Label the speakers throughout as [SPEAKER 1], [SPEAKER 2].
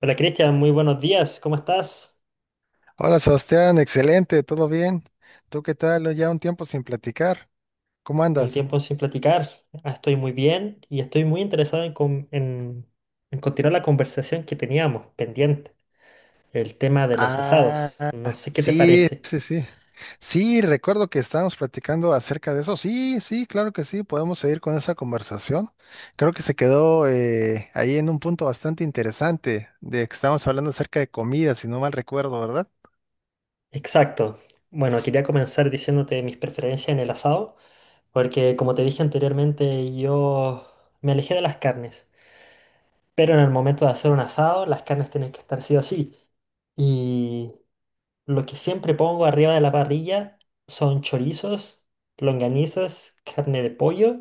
[SPEAKER 1] Hola Cristian, muy buenos días, ¿cómo estás?
[SPEAKER 2] Hola Sebastián, excelente, ¿todo bien? ¿Tú qué tal? Ya un tiempo sin platicar. ¿Cómo
[SPEAKER 1] Un
[SPEAKER 2] andas?
[SPEAKER 1] tiempo sin platicar. Estoy muy bien y estoy muy interesado en continuar la conversación que teníamos pendiente, el tema de los
[SPEAKER 2] Ah,
[SPEAKER 1] asados. No sé qué te
[SPEAKER 2] sí,
[SPEAKER 1] parece.
[SPEAKER 2] sí, sí. Sí, recuerdo que estábamos platicando acerca de eso. Sí, sí, claro que sí, podemos seguir con esa conversación. Creo que se quedó ahí en un punto bastante interesante, de que estábamos hablando acerca de comida, si no mal recuerdo, ¿verdad?
[SPEAKER 1] Exacto. Bueno, quería comenzar diciéndote mis preferencias en el asado, porque como te dije anteriormente, yo me alejé de las carnes, pero en el momento de hacer un asado, las carnes tienen que estar sí o sí. Lo que siempre pongo arriba de la parrilla son chorizos, longanizas, carne de pollo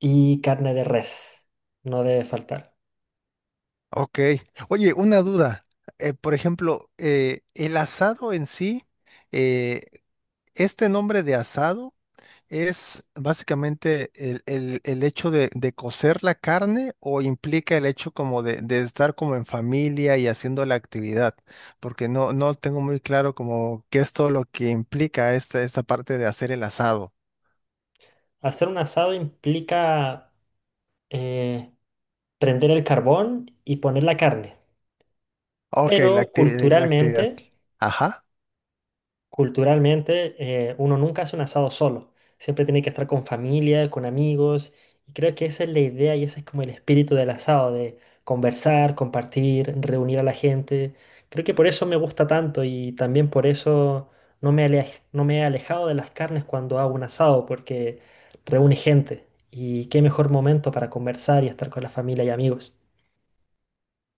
[SPEAKER 1] y carne de res. No debe faltar.
[SPEAKER 2] Ok. Oye, una duda. Por ejemplo, el asado en sí, eh, este nombre de asado. ¿Es básicamente el hecho de cocer la carne o implica el hecho como de estar como en familia y haciendo la actividad? Porque no, no tengo muy claro como qué es todo lo que implica esta parte de hacer el asado.
[SPEAKER 1] Hacer un asado implica eh, prender el carbón y poner la carne.
[SPEAKER 2] Ok,
[SPEAKER 1] Pero
[SPEAKER 2] la actividad.
[SPEAKER 1] culturalmente
[SPEAKER 2] Ajá.
[SPEAKER 1] Culturalmente, uno nunca hace un asado solo. Siempre tiene que estar con familia, con amigos. Y creo que esa es la idea y ese es como el espíritu del asado, de conversar, compartir, reunir a la gente. Creo que por eso me gusta tanto y también por eso no me he alejado de las carnes cuando hago un asado, porque reúne gente. Y qué mejor momento para conversar y estar con la familia y amigos.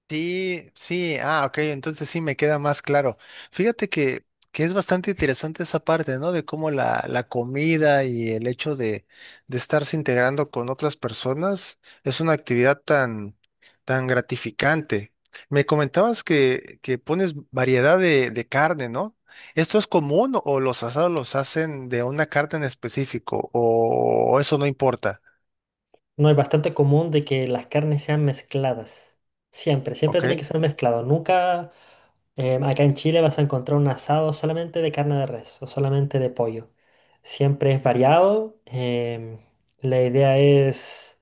[SPEAKER 2] Sí, sí, ah, ok, entonces sí me queda más claro. Fíjate que es bastante interesante esa parte, ¿no? De cómo la comida y el hecho de estarse integrando con otras personas es una actividad tan gratificante. Me comentabas que pones variedad de carne, ¿no? ¿Esto es común o los asados los hacen de una carne en específico o eso no importa?
[SPEAKER 1] No, es bastante común de que las carnes sean mezcladas. Siempre, siempre
[SPEAKER 2] ¿Ok?
[SPEAKER 1] tiene que ser mezclado. Nunca acá en Chile vas a encontrar un asado solamente de carne de res o solamente de pollo. Siempre es variado. La idea es,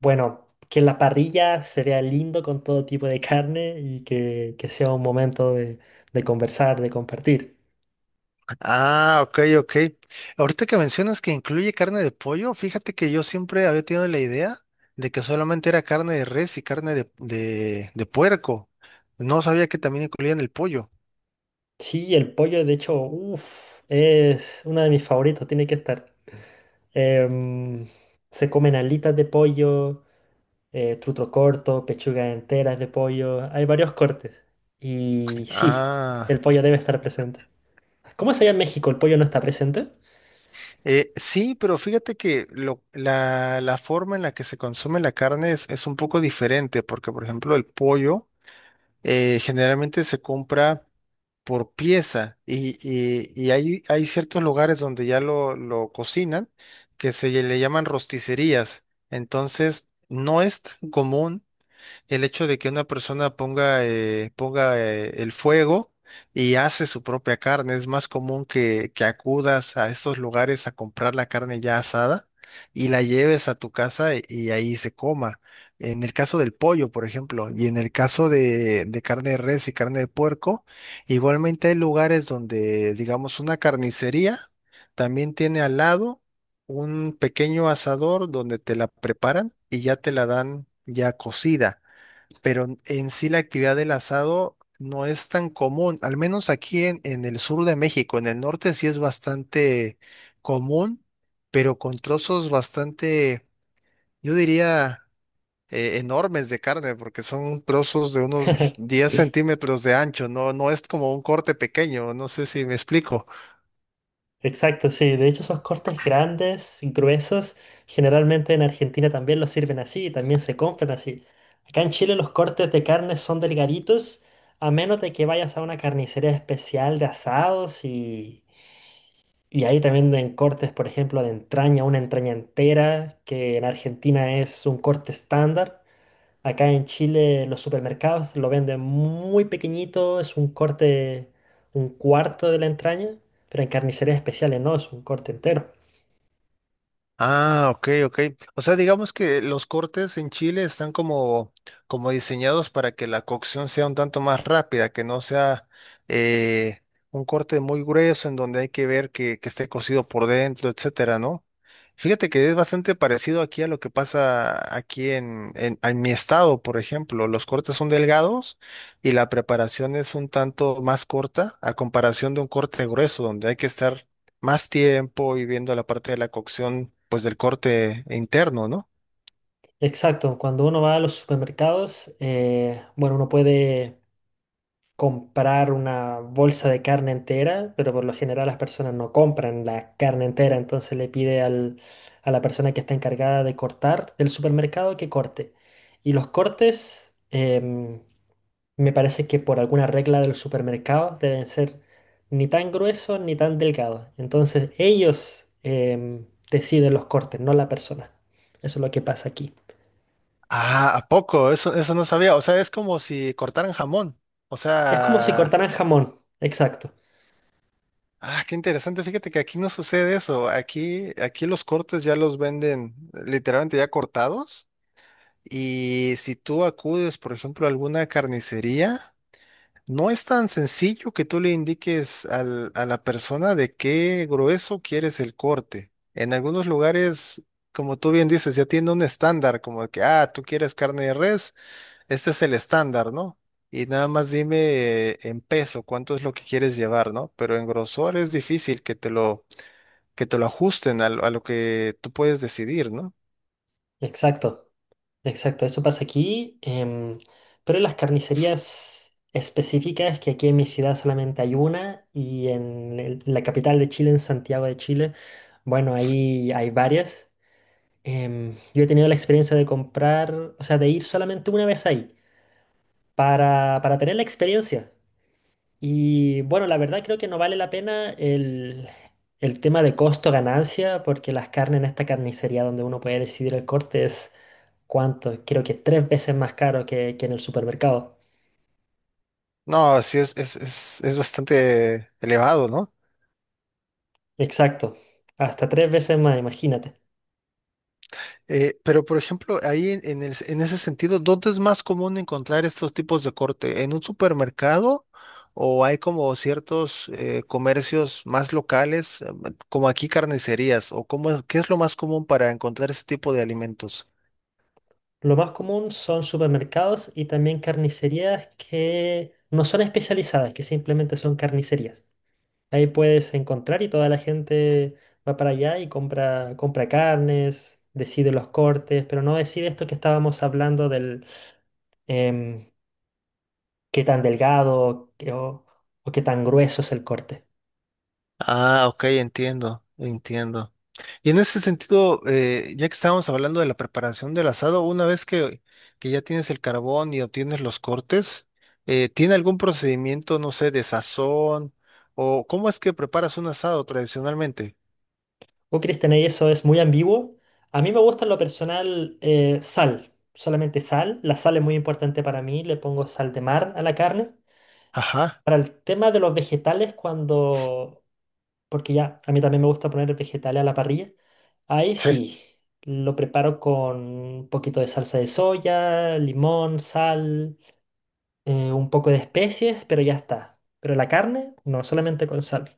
[SPEAKER 1] bueno, que la parrilla se vea lindo con todo tipo de carne y que sea un momento de conversar, de compartir.
[SPEAKER 2] Ah, ok, ok. Ahorita que mencionas que incluye carne de pollo, fíjate que yo siempre había tenido la idea de que solamente era carne de res y carne de puerco. No sabía que también incluían el pollo.
[SPEAKER 1] Sí, el pollo, de hecho, uff, es uno de mis favoritos, tiene que estar. Em, Se comen alitas de pollo, trutro corto, pechugas enteras de pollo. Hay varios cortes. Y sí, el
[SPEAKER 2] Ah,
[SPEAKER 1] pollo debe estar presente. ¿Cómo es allá en México? ¿El pollo no está presente?
[SPEAKER 2] sí, pero fíjate que la forma en la que se consume la carne es un poco diferente, porque por ejemplo el pollo generalmente se compra. Por pieza y hay ciertos lugares donde ya lo cocinan que se le llaman rosticerías. Entonces, no es tan común el hecho de que una persona ponga, ponga el fuego y hace su propia carne. Es más común que acudas a estos lugares a comprar la carne ya asada y la lleves a tu casa y ahí se coma. En el caso del pollo, por ejemplo, y en el caso de carne de res y carne de puerco, igualmente hay lugares donde, digamos, una carnicería también tiene al lado un pequeño asador donde te la preparan y ya te la dan ya cocida pero en sí la actividad del asado no es tan común, al menos aquí en el sur de México, en el norte sí es bastante común, pero con trozos bastante, yo diría, enormes de carne, porque son trozos de unos 10 centímetros de ancho, no, no es como un corte pequeño, no sé si me explico.
[SPEAKER 1] Exacto, sí. De hecho, esos cortes grandes, gruesos, generalmente en Argentina también los sirven así y también se compran así. Acá en Chile los cortes de carne son delgaditos, a menos de que vayas a una carnicería especial de asados. Y ahí también en cortes, por ejemplo, de entraña, una entraña entera, que en Argentina es un corte estándar. Acá en Chile los supermercados lo venden muy pequeñito, es un corte, un cuarto de la entraña, pero en carnicerías especiales no, es un corte entero.
[SPEAKER 2] Ah, ok, ok. O sea, digamos que los cortes en Chile están como, como diseñados para que la cocción sea un tanto más rápida, que no sea eh, un corte muy grueso en donde hay que ver que esté cocido por dentro, etcétera, ¿no? Fíjate que es bastante parecido aquí a lo que pasa aquí en mi estado, por ejemplo. Los cortes son delgados y la preparación es un tanto más corta a comparación de un corte grueso, donde hay que estar más tiempo y viendo la parte de la cocción, pues del corte interno, ¿no?
[SPEAKER 1] Exacto, cuando uno va a los supermercados, bueno, uno puede comprar una bolsa de carne entera, pero por lo general las personas no compran la carne entera, entonces a la persona que está encargada de cortar del supermercado que corte. Y los cortes, me parece que por alguna regla del supermercado deben ser ni tan gruesos ni tan delgados. Entonces ellos deciden los cortes, no la persona. Eso es lo que pasa aquí.
[SPEAKER 2] Ah, ¿a poco? Eso no sabía. O sea, es como si cortaran jamón. O
[SPEAKER 1] Es como si
[SPEAKER 2] sea,
[SPEAKER 1] cortaran jamón. Exacto,
[SPEAKER 2] ah, qué interesante. Fíjate que aquí no sucede eso. Aquí, aquí los cortes ya los venden literalmente ya cortados. Y si tú acudes, por ejemplo, a alguna carnicería, no es tan sencillo que tú le indiques a la persona de qué grueso quieres el corte. En algunos lugares, como tú bien dices, ya tiene un estándar, como de que, ah, tú quieres carne de res, este es el estándar, ¿no? Y nada más dime en peso cuánto es lo que quieres llevar, ¿no? Pero en grosor es difícil que te lo ajusten a lo que tú puedes decidir, ¿no?
[SPEAKER 1] exacto. Exacto, eso pasa aquí, pero en las carnicerías específicas, que aquí en mi ciudad solamente hay una, y en la capital de Chile, en Santiago de Chile, bueno, ahí hay varias. Yo he tenido la experiencia de comprar, o sea, de ir solamente una vez ahí, para tener la experiencia. Y bueno, la verdad creo que no vale la pena el tema de costo-ganancia, porque las carnes en esta carnicería donde uno puede decidir el corte ¿cuánto? Creo que tres veces más caro que en el supermercado.
[SPEAKER 2] No, sí es bastante elevado, ¿no?
[SPEAKER 1] Exacto. Hasta tres veces más, imagínate.
[SPEAKER 2] Pero, por ejemplo, ahí en, en ese sentido, ¿dónde es más común encontrar estos tipos de corte? ¿En un supermercado o hay como ciertos comercios más locales, como aquí carnicerías? ¿O cómo es- qué es lo más común para encontrar ese tipo de alimentos?
[SPEAKER 1] Lo más común son supermercados y también carnicerías que no son especializadas, que simplemente son carnicerías. Ahí puedes encontrar y toda la gente va para allá y compra, compra carnes, decide los cortes, pero no decide esto que estábamos hablando del em, qué tan delgado o qué tan grueso es el corte.
[SPEAKER 2] Ah, ok, entiendo, entiendo. Y en ese sentido, ya que estábamos hablando de la preparación del asado, una vez que ya tienes el carbón y obtienes los cortes, ¿tiene algún procedimiento, no sé, de sazón? ¿O cómo es que preparas un asado tradicionalmente?
[SPEAKER 1] Oh, Cristian, y eso es muy ambiguo. A mí me gusta en lo personal sal, solamente sal. La sal es muy importante para mí, le pongo sal de mar a la carne.
[SPEAKER 2] Ajá,
[SPEAKER 1] Para el tema de los vegetales, cuando... Porque ya, a mí también me gusta poner vegetales a la parrilla. Ahí
[SPEAKER 2] sí.
[SPEAKER 1] sí, lo preparo con un poquito de salsa de soya, limón, sal, un poco de especies, pero ya está. Pero la carne, no, solamente con sal.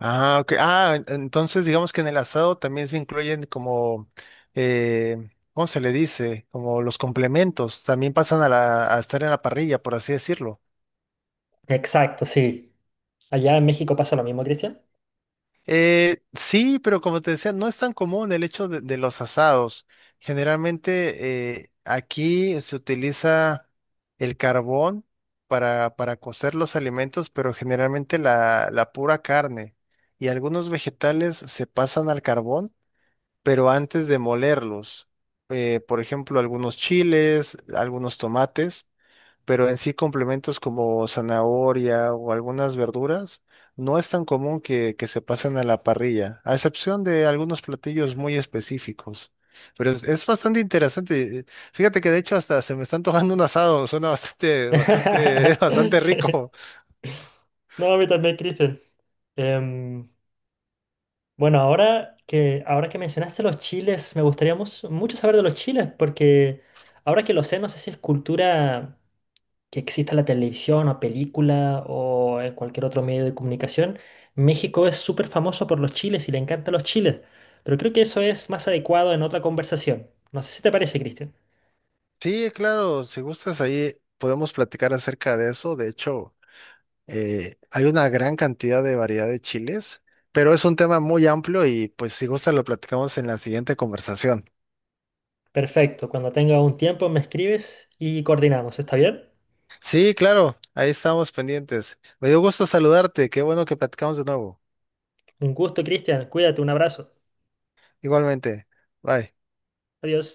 [SPEAKER 2] Ah, ok. Ah, entonces digamos que en el asado también se incluyen como, eh, ¿cómo se le dice? Como los complementos, también pasan a estar en la parrilla, por así decirlo.
[SPEAKER 1] Exacto, sí. Allá en México pasa lo mismo, Cristian.
[SPEAKER 2] Sí, pero como te decía, no es tan común el hecho de los asados. Generalmente aquí se utiliza el carbón para cocer los alimentos, pero generalmente la pura carne y algunos vegetales se pasan al carbón, pero antes de molerlos. Por ejemplo, algunos chiles, algunos tomates pero en sí complementos como zanahoria o algunas verduras no es tan común que se pasen a la parrilla, a excepción de algunos platillos muy específicos. Pero es bastante interesante. Fíjate que de hecho hasta se me está antojando un asado, suena bastante, bastante, bastante rico.
[SPEAKER 1] No, a mí también, Cristian. Em, bueno, ahora que mencionaste los chiles, me gustaría mucho saber de los chiles, porque ahora que lo sé, no sé si es cultura que exista en la televisión o película o en cualquier otro medio de comunicación. México es súper famoso por los chiles y le encantan los chiles, pero creo que eso es más adecuado en otra conversación. No sé si te parece, Cristian.
[SPEAKER 2] Sí, claro, si gustas ahí podemos platicar acerca de eso. De hecho, hay una gran cantidad de variedad de chiles, pero es un tema muy amplio y pues si gustas lo platicamos en la siguiente conversación.
[SPEAKER 1] Perfecto, cuando tenga un tiempo me escribes y coordinamos, ¿está bien?
[SPEAKER 2] Sí, claro, ahí estamos pendientes. Me dio gusto saludarte, qué bueno que platicamos de nuevo.
[SPEAKER 1] Un gusto, Cristian. Cuídate, un abrazo.
[SPEAKER 2] Igualmente, bye.
[SPEAKER 1] Adiós.